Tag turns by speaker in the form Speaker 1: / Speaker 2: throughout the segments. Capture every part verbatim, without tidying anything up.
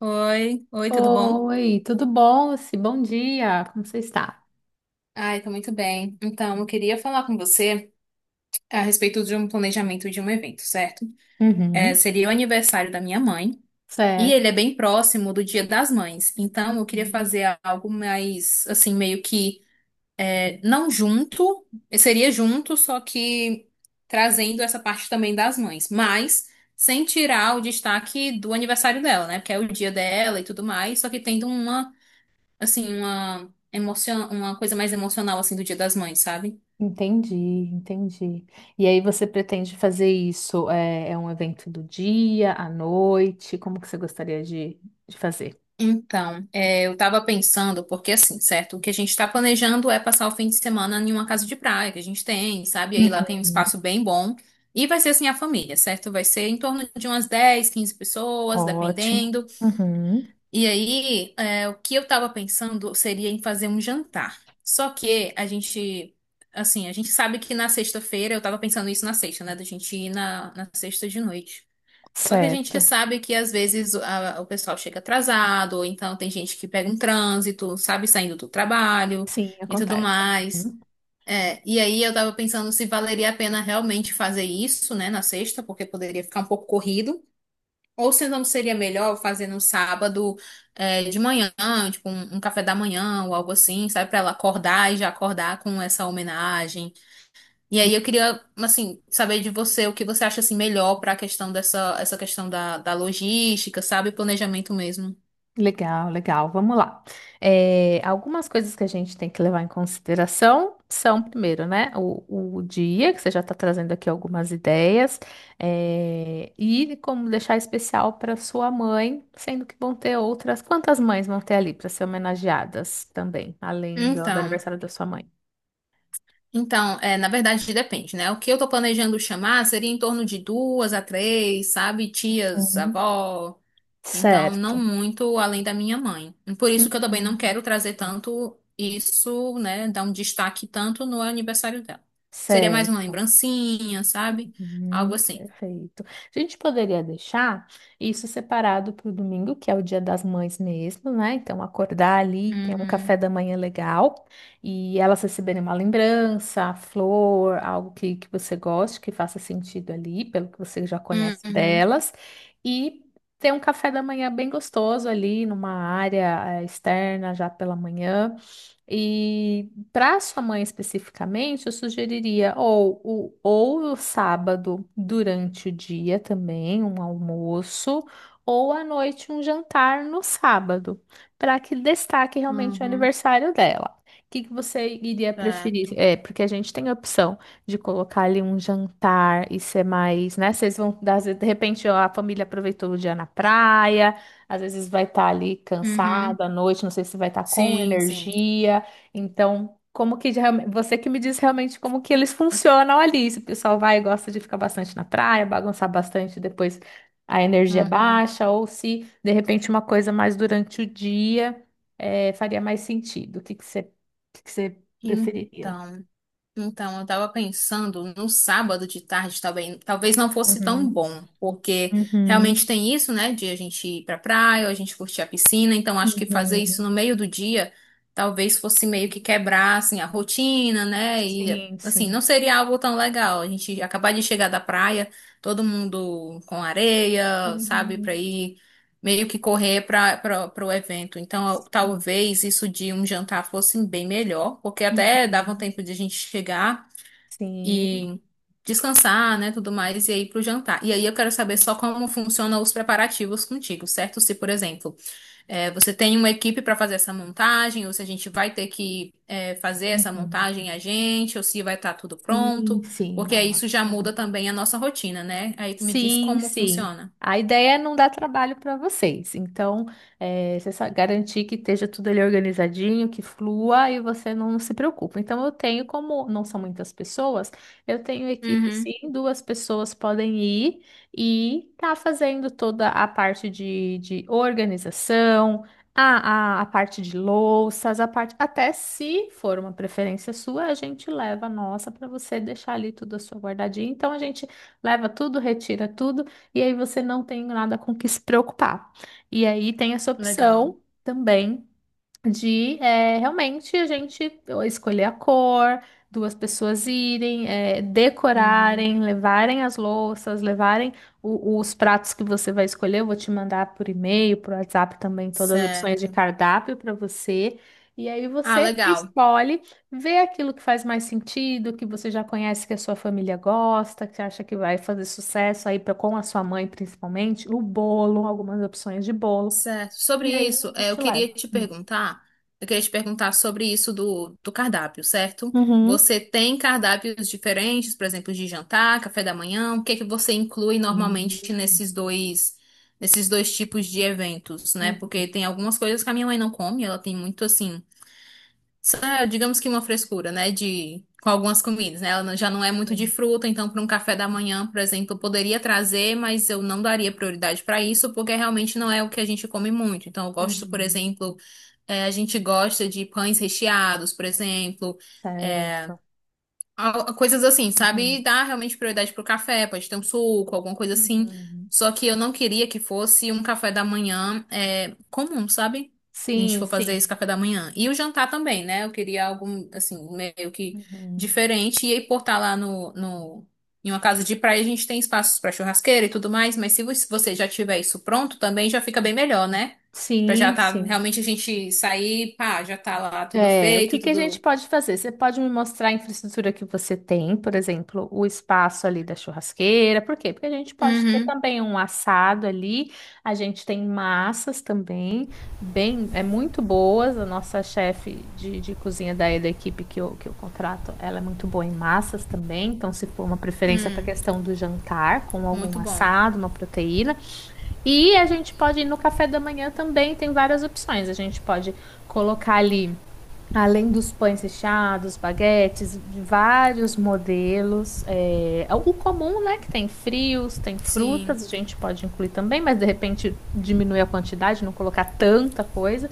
Speaker 1: Oi, oi, tudo bom?
Speaker 2: Oi, tudo bom? Lucy? Bom dia, como você está?
Speaker 1: Ai, tá muito bem. Então, eu queria falar com você a respeito de um planejamento de um evento, certo? É,
Speaker 2: Uhum.
Speaker 1: seria o aniversário da minha mãe e ele
Speaker 2: Certo.
Speaker 1: é bem próximo do Dia das Mães. Então, eu queria
Speaker 2: Uhum.
Speaker 1: fazer algo mais, assim, meio que é, não junto, seria junto, só que trazendo essa parte também das mães, mas sem tirar o destaque do aniversário dela, né? Porque é o dia dela e tudo mais, só que tendo uma assim, uma emocion... uma coisa mais emocional, assim, do Dia das Mães, sabe?
Speaker 2: Entendi, entendi. E aí você pretende fazer isso? É, é um evento do dia, à noite? Como que você gostaria de, de fazer?
Speaker 1: Então, é, eu tava pensando, porque assim, certo? O que a gente tá planejando é passar o fim de semana em uma casa de praia que a gente tem, sabe? Aí lá tem um
Speaker 2: Uhum.
Speaker 1: espaço bem bom. E vai ser assim a família, certo? Vai ser em torno de umas dez quinze pessoas,
Speaker 2: Ótimo.
Speaker 1: dependendo.
Speaker 2: Uhum.
Speaker 1: E aí, é, o que eu tava pensando seria em fazer um jantar. Só que a gente, assim, a gente sabe que na sexta-feira, eu tava pensando isso na sexta, né? Da gente ir na, na sexta de noite. Só que a gente
Speaker 2: Certo.
Speaker 1: sabe que às vezes a- o pessoal chega atrasado, ou então tem gente que pega um trânsito, sabe, saindo do trabalho
Speaker 2: Sim,
Speaker 1: e tudo
Speaker 2: acontece.
Speaker 1: mais.
Speaker 2: Uhum.
Speaker 1: É, e aí eu tava pensando se valeria a pena realmente fazer isso, né, na sexta, porque poderia ficar um pouco corrido, ou se não seria melhor fazer no sábado, é, de manhã, tipo um, um café da manhã ou algo assim, sabe, pra ela acordar e já acordar com essa homenagem. E aí eu queria, assim, saber de você o que você acha assim melhor para a questão dessa essa questão da, da logística, sabe, planejamento mesmo.
Speaker 2: Legal, legal. Vamos lá. É, algumas coisas que a gente tem que levar em consideração são, primeiro, né, o, o dia, que você já está trazendo aqui algumas ideias, é, e como deixar especial para sua mãe, sendo que vão ter outras. Quantas mães vão ter ali para ser homenageadas também, além do, do
Speaker 1: Então,
Speaker 2: aniversário da sua mãe?
Speaker 1: então, é, na verdade depende, né? O que eu tô planejando chamar seria em torno de duas a três, sabe, tias,
Speaker 2: Uhum.
Speaker 1: avó. Então, não
Speaker 2: Certo.
Speaker 1: muito além da minha mãe. Por isso que eu também não
Speaker 2: Uhum.
Speaker 1: quero trazer tanto isso, né, dar um destaque tanto no aniversário dela. Seria mais uma
Speaker 2: Certo.
Speaker 1: lembrancinha, sabe? Algo
Speaker 2: Uhum,
Speaker 1: assim.
Speaker 2: perfeito. A gente poderia deixar isso separado para o domingo, que é o Dia das Mães mesmo, né? Então, acordar ali, ter um
Speaker 1: Uhum.
Speaker 2: café da manhã legal e elas receberem uma lembrança, flor, algo que, que você goste, que faça sentido ali, pelo que você já conhece
Speaker 1: Uhum.
Speaker 2: delas, e ter um café da manhã bem gostoso ali, numa área eh, externa já pela manhã. E para sua mãe especificamente, eu sugeriria ou o, ou o sábado durante o dia também, um almoço, ou à noite um jantar no sábado, para que destaque realmente o
Speaker 1: Uhum,
Speaker 2: aniversário dela. O que que você iria preferir?
Speaker 1: certo.
Speaker 2: É, porque a gente tem a opção de colocar ali um jantar e ser mais, né? Vocês vão, às vezes, de repente, ó, a família aproveitou o dia na praia, às vezes vai estar ali
Speaker 1: Uhum,
Speaker 2: cansada à noite, não sei se vai estar com
Speaker 1: sim, sim.
Speaker 2: energia. Então, como que de realme- você que me diz realmente como que eles funcionam ali. Se o pessoal vai e gosta de ficar bastante na praia, bagunçar bastante, depois a energia é
Speaker 1: Uhum.
Speaker 2: baixa, ou se de repente uma coisa mais durante o dia eh, faria mais sentido. O que que você, o que que você preferiria?
Speaker 1: Então, então eu estava pensando no sábado de tarde também, talvez não fosse tão
Speaker 2: Uhum,
Speaker 1: bom, porque realmente
Speaker 2: uhum,
Speaker 1: tem isso, né, de a gente ir pra praia, ou a gente curtir a piscina, então acho que fazer
Speaker 2: uhum.
Speaker 1: isso no meio do dia talvez fosse meio que quebrar assim a rotina, né? E
Speaker 2: Sim,
Speaker 1: assim, não
Speaker 2: sim.
Speaker 1: seria algo tão legal. A gente acabar de chegar da praia, todo mundo com areia, sabe, pra
Speaker 2: Uhum,
Speaker 1: ir meio que correr para o evento. Então, eu-
Speaker 2: sim.
Speaker 1: talvez isso de um jantar fosse bem melhor, porque até dava um
Speaker 2: Uhum,
Speaker 1: tempo de a gente chegar
Speaker 2: sim.
Speaker 1: e descansar, né, tudo mais, e aí para o jantar. E aí eu quero saber
Speaker 2: Sim,
Speaker 1: só como funcionam os preparativos contigo, certo? Se, por exemplo, eh, você tem uma equipe para fazer essa montagem, ou se a gente vai ter que eh, fazer essa
Speaker 2: uhum.
Speaker 1: montagem a gente, ou se vai estar tudo pronto,
Speaker 2: Sim, sim,
Speaker 1: porque aí isso já muda
Speaker 2: ótimo.
Speaker 1: também a nossa rotina, né? Aí me diz
Speaker 2: Sim,
Speaker 1: como
Speaker 2: sim.
Speaker 1: funciona.
Speaker 2: A ideia é não dar trabalho para vocês. Então, é, você só garantir que esteja tudo ali organizadinho, que flua e você não se preocupa. Então, eu tenho, como não são muitas pessoas, eu tenho equipe,
Speaker 1: Uhum.
Speaker 2: sim, duas pessoas podem ir e tá fazendo toda a parte de, de organização, a, a, a parte de louças, a parte. Até se for uma preferência sua, a gente leva a nossa para você deixar ali tudo a sua guardadinha. Então, a gente leva tudo, retira tudo, e aí você não tem nada com que se preocupar. E aí tem essa
Speaker 1: Legal.
Speaker 2: opção também de é, realmente a gente escolher a cor, duas pessoas irem, é,
Speaker 1: Uhum.
Speaker 2: decorarem, levarem as louças, levarem o- os pratos que você vai escolher. Eu vou te mandar por e-mail, por WhatsApp também todas as opções de
Speaker 1: Certo.
Speaker 2: cardápio para você. E aí
Speaker 1: Ah,
Speaker 2: você
Speaker 1: legal.
Speaker 2: escolhe, vê aquilo que faz mais sentido, que você já conhece que a sua família gosta, que acha que vai fazer sucesso aí pra, com a sua mãe principalmente, o bolo, algumas opções de bolo.
Speaker 1: Certo. Sobre
Speaker 2: E aí a
Speaker 1: isso, eh, eu
Speaker 2: gente leva.
Speaker 1: queria te perguntar, eu queria te perguntar sobre isso do, do cardápio, certo?
Speaker 2: Uhum.
Speaker 1: Você tem cardápios diferentes, por exemplo, de jantar, café da manhã, o que é que você inclui
Speaker 2: Sim,
Speaker 1: normalmente nesses dois, nesses dois tipos de eventos, né? Porque
Speaker 2: uhum,
Speaker 1: tem algumas coisas que a minha mãe não come, ela tem muito assim. Só, digamos que uma frescura, né, de com algumas comidas, né? Ela não- já não é muito de
Speaker 2: sim,
Speaker 1: fruta, então para um café da manhã, por exemplo, eu poderia trazer, mas eu não daria prioridade para isso, porque realmente não é o que a gente come muito. Então eu gosto, por
Speaker 2: uhum.
Speaker 1: exemplo, eh, a gente gosta de pães recheados, por exemplo, eh,
Speaker 2: Certo.
Speaker 1: Al- coisas assim, sabe? E
Speaker 2: Uhum.
Speaker 1: dar realmente prioridade pro café, pode ter um suco, alguma coisa assim.
Speaker 2: Uhum.
Speaker 1: Só que eu não queria que fosse um café da manhã é, comum, sabe? A gente
Speaker 2: Sim,
Speaker 1: for fazer
Speaker 2: sim.
Speaker 1: esse café da manhã. E o jantar também, né? Eu queria algo, assim, meio que
Speaker 2: Uhum.
Speaker 1: diferente. E aí, por estar lá no, no, em uma casa de praia, a gente tem espaços para churrasqueira e tudo mais. Mas se vo- se você já tiver isso pronto, também já fica bem melhor, né? Pra já
Speaker 2: Sim,
Speaker 1: tá,
Speaker 2: sim.
Speaker 1: realmente a gente sair, pá, já tá lá tudo
Speaker 2: É, o que
Speaker 1: feito,
Speaker 2: que a gente
Speaker 1: tudo.
Speaker 2: pode fazer? Você pode me mostrar a infraestrutura que você tem, por exemplo, o espaço ali da churrasqueira. Por quê? Porque a gente pode ter
Speaker 1: Uhum,
Speaker 2: também um assado ali. A gente tem massas também, bem, é muito boas. A nossa chefe de, de cozinha daí da equipe que eu, que eu contrato, ela é muito boa em massas também. Então, se for uma preferência para a questão do jantar, com algum
Speaker 1: muito bom.
Speaker 2: assado, uma proteína. E a gente pode ir no café da manhã também, tem várias opções. A gente pode colocar ali. Além dos pães recheados, baguetes, de vários modelos. É, o comum, né? Que tem frios, tem
Speaker 1: Sim,
Speaker 2: frutas, a gente pode incluir também, mas de repente diminuir a quantidade, não colocar tanta coisa.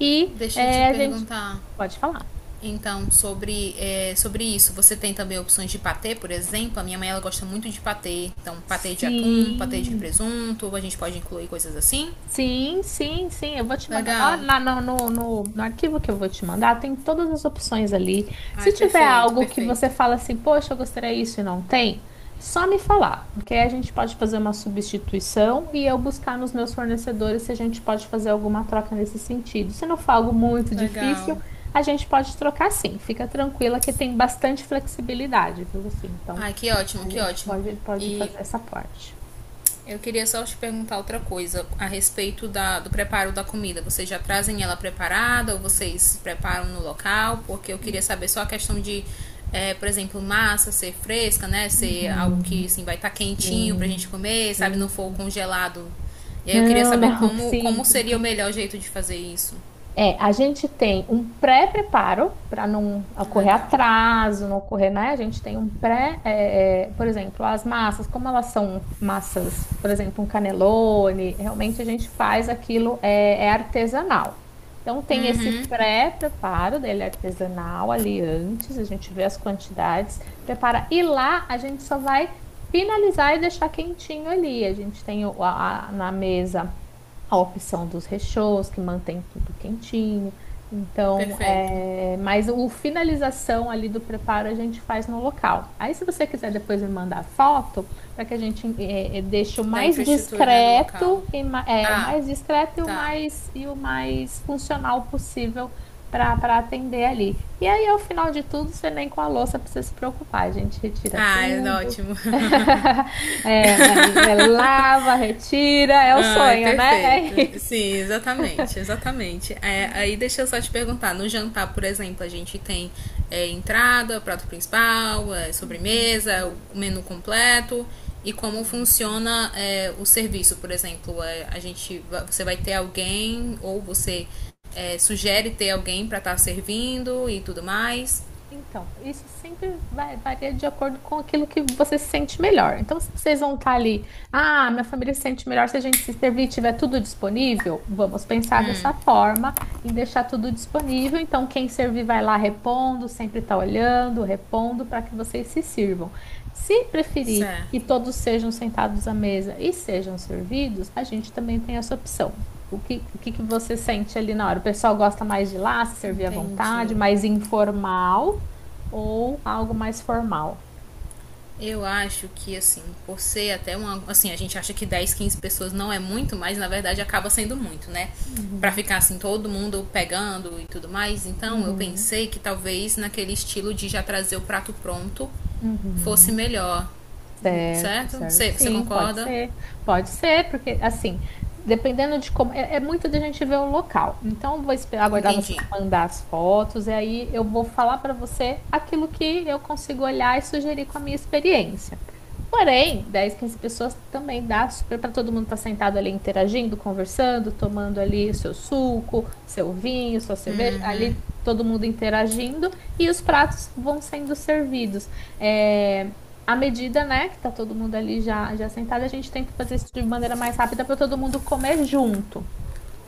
Speaker 2: E
Speaker 1: deixa eu te
Speaker 2: é, a gente
Speaker 1: perguntar.
Speaker 2: pode falar.
Speaker 1: Então, sobre, é, sobre isso, você tem também opções de patê, por exemplo? A minha mãe ela gosta muito de patê. Então, patê de atum, patê de
Speaker 2: Sim.
Speaker 1: presunto, a gente pode incluir coisas assim.
Speaker 2: Sim, sim, sim. Eu vou te mandar. Lá,
Speaker 1: Legal.
Speaker 2: lá no, no, no, no arquivo que eu vou te mandar, tem todas as opções ali. Se
Speaker 1: Ai,
Speaker 2: tiver
Speaker 1: perfeito,
Speaker 2: algo que você
Speaker 1: perfeito.
Speaker 2: fala assim, poxa, eu gostaria disso e não tem, só me falar. Porque aí a gente pode fazer uma substituição e eu buscar nos meus fornecedores se a gente pode fazer alguma troca nesse sentido. Se não for algo muito
Speaker 1: Legal.
Speaker 2: difícil, a gente pode trocar sim. Fica tranquila que tem bastante flexibilidade, viu? Assim, então
Speaker 1: Ai, que ótimo,
Speaker 2: a
Speaker 1: que
Speaker 2: gente
Speaker 1: ótimo.
Speaker 2: pode, pode
Speaker 1: E
Speaker 2: fazer essa parte.
Speaker 1: eu queria só te perguntar outra coisa a respeito da, do preparo da comida. Vocês já trazem ela preparada ou vocês preparam no local? Porque eu queria saber só a questão de, é, por exemplo, massa ser fresca, né? Ser algo que
Speaker 2: Uhum.
Speaker 1: assim, vai estar quentinho pra gente
Speaker 2: Sim,
Speaker 1: comer, sabe? Não
Speaker 2: sim.
Speaker 1: for congelado. E aí eu queria
Speaker 2: Não,
Speaker 1: saber
Speaker 2: não,
Speaker 1: como,
Speaker 2: sim,
Speaker 1: como
Speaker 2: sim.
Speaker 1: seria o melhor jeito de fazer isso.
Speaker 2: É, a gente tem um pré-preparo para não ocorrer
Speaker 1: Legal.
Speaker 2: atraso, não ocorrer, né? A gente tem um pré, é, é, por exemplo, as massas, como elas são massas, por exemplo, um canelone, realmente a gente faz aquilo, é, é artesanal. Então tem esse pré-preparo dele artesanal ali antes, a gente vê as quantidades, prepara, e lá a gente só vai finalizar e deixar quentinho ali. A gente tem o- a, a- na mesa a opção dos recheios, que mantém tudo quentinho. Então,
Speaker 1: Perfeito.
Speaker 2: é... mas o finalização ali do preparo a gente faz no local. Aí, se você quiser depois me mandar foto, para que a gente é, é, deixe o
Speaker 1: Da
Speaker 2: mais
Speaker 1: infraestrutura, né? Do local.
Speaker 2: discreto e ma- é, o
Speaker 1: Ah,
Speaker 2: mais discreto e o
Speaker 1: tá.
Speaker 2: mais e o mais funcional possível para para atender ali. E aí, ao final de tudo, você nem com a louça precisa se preocupar. A gente retira
Speaker 1: Ah, é
Speaker 2: tudo.
Speaker 1: ótimo.
Speaker 2: É, é, é lava, retira, é o
Speaker 1: Ai,
Speaker 2: sonho, né? É
Speaker 1: perfeito.
Speaker 2: isso.
Speaker 1: Sim, exatamente, exatamente. É, aí deixa eu só te perguntar, no jantar, por exemplo, a gente tem é, entrada, prato principal, é,
Speaker 2: Uhum.
Speaker 1: sobremesa, o menu completo e como funciona é, o serviço, por exemplo, é, a gente, va- você vai ter alguém ou você é, sugere ter alguém para estar servindo e tudo mais.
Speaker 2: Então, isso sempre vai, varia de acordo com aquilo que você se sente melhor. Então, se vocês vão estar ali, ah, minha família se sente melhor se a gente se servir e tiver tudo disponível, vamos pensar dessa forma em deixar tudo disponível. Então, quem servir vai lá repondo, sempre está olhando, repondo para que vocês se sirvam. Se preferir que
Speaker 1: Certo.
Speaker 2: todos sejam sentados à mesa e sejam servidos, a gente também tem essa opção. O que, o que que você sente ali na hora? O pessoal gosta mais de lá, se servir à
Speaker 1: Entendi.
Speaker 2: vontade, mais informal ou algo mais formal?
Speaker 1: Eu acho que, assim, por ser até uma. Assim, a gente acha que dez, quinze pessoas não é muito, mas na verdade acaba sendo muito, né? Pra
Speaker 2: Uhum,
Speaker 1: ficar assim, todo mundo pegando e tudo mais. Então, eu
Speaker 2: uhum,
Speaker 1: pensei que talvez naquele estilo de já trazer o prato pronto fosse
Speaker 2: uhum.
Speaker 1: melhor.
Speaker 2: Certo,
Speaker 1: Certo?
Speaker 2: certo.
Speaker 1: Você, você
Speaker 2: Sim, pode
Speaker 1: concorda?
Speaker 2: ser. Pode ser, porque assim, dependendo de como. É, é muito da gente ver o local. Então, vou esperar, aguardar você
Speaker 1: Entendi.
Speaker 2: me mandar as fotos, e aí eu vou falar para você aquilo que eu consigo olhar e sugerir com a minha experiência. Porém, dez quinze pessoas também dá super para todo mundo estar sentado ali interagindo, conversando, tomando ali o seu suco, seu vinho, sua cerveja, ali todo mundo interagindo e os pratos vão sendo servidos. É, à medida, né, que tá todo mundo ali já, já sentado, a gente tenta fazer isso de maneira mais rápida para todo mundo comer junto.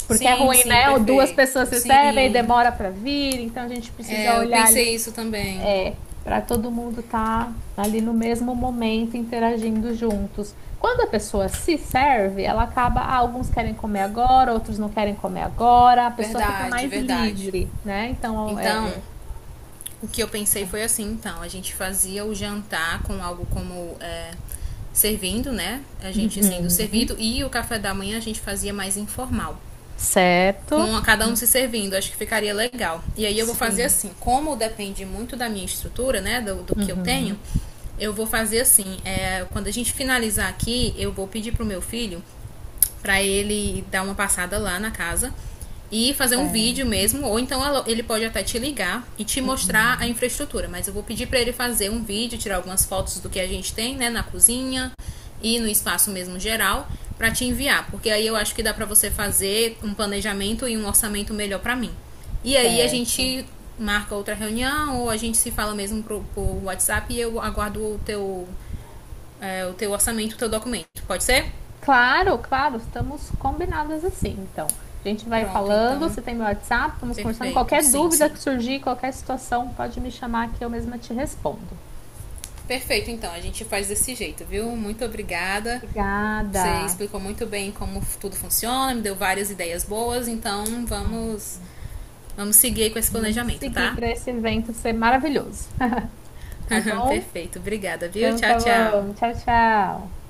Speaker 2: Porque é
Speaker 1: Sim,
Speaker 2: ruim,
Speaker 1: sim,
Speaker 2: né? Duas
Speaker 1: perfeito.
Speaker 2: pessoas recebem,
Speaker 1: Sim.
Speaker 2: demora para vir, então a gente precisa
Speaker 1: É, eu
Speaker 2: olhar
Speaker 1: pensei
Speaker 2: ali
Speaker 1: isso também.
Speaker 2: é, para todo mundo estar ali no mesmo momento interagindo juntos. Quando a pessoa se serve, ela acaba, ah, alguns querem comer agora, outros não querem comer agora, a pessoa fica
Speaker 1: Verdade,
Speaker 2: mais
Speaker 1: verdade.
Speaker 2: livre, né? Então,
Speaker 1: Então,
Speaker 2: é, é-
Speaker 1: o que eu pensei foi assim, então, a gente fazia o jantar com algo como é, servindo, né? A gente sendo
Speaker 2: Uhum.
Speaker 1: servido e o café da manhã a gente fazia mais informal
Speaker 2: Certo.
Speaker 1: com cada um se servindo, acho que ficaria legal. E aí eu vou fazer
Speaker 2: Sim.
Speaker 1: assim, como depende muito da minha estrutura, né, do, do que eu tenho,
Speaker 2: Uhum.
Speaker 1: eu vou fazer assim, é, quando a gente finalizar aqui, eu vou pedir pro meu filho para ele dar uma passada lá na casa e fazer um vídeo
Speaker 2: Certo.
Speaker 1: mesmo, ou então ele pode até te ligar e te mostrar a
Speaker 2: Uhum.
Speaker 1: infraestrutura, mas eu vou pedir para ele fazer um vídeo, tirar algumas fotos do que a gente tem, né, na cozinha, e no espaço mesmo geral para te enviar, porque aí eu acho que dá para você fazer um planejamento e um orçamento melhor para mim. E aí a
Speaker 2: Certo.
Speaker 1: gente marca outra reunião ou a gente se fala mesmo pro, por WhatsApp e eu aguardo o teu, é, o teu orçamento, o teu documento. Pode ser?
Speaker 2: Claro, claro, estamos combinadas assim. Então, a gente vai
Speaker 1: Pronto,
Speaker 2: falando,
Speaker 1: então,
Speaker 2: você tem meu WhatsApp, vamos conversando.
Speaker 1: perfeito.
Speaker 2: Qualquer
Speaker 1: Sim,
Speaker 2: dúvida
Speaker 1: sim.
Speaker 2: que surgir, qualquer situação, pode me chamar que eu mesma te respondo.
Speaker 1: Perfeito, então, a gente faz desse jeito, viu? Muito obrigada. Você
Speaker 2: Obrigada.
Speaker 1: explicou muito bem como tudo funciona, me deu várias ideias boas, então
Speaker 2: Ó,
Speaker 1: vamos, vamos seguir aí com esse
Speaker 2: vamos
Speaker 1: planejamento,
Speaker 2: seguir
Speaker 1: tá?
Speaker 2: para esse evento ser maravilhoso. Tá bom?
Speaker 1: Perfeito, obrigada, viu?
Speaker 2: Então,
Speaker 1: Tchau,
Speaker 2: tá bom.
Speaker 1: tchau.
Speaker 2: Tchau, tchau.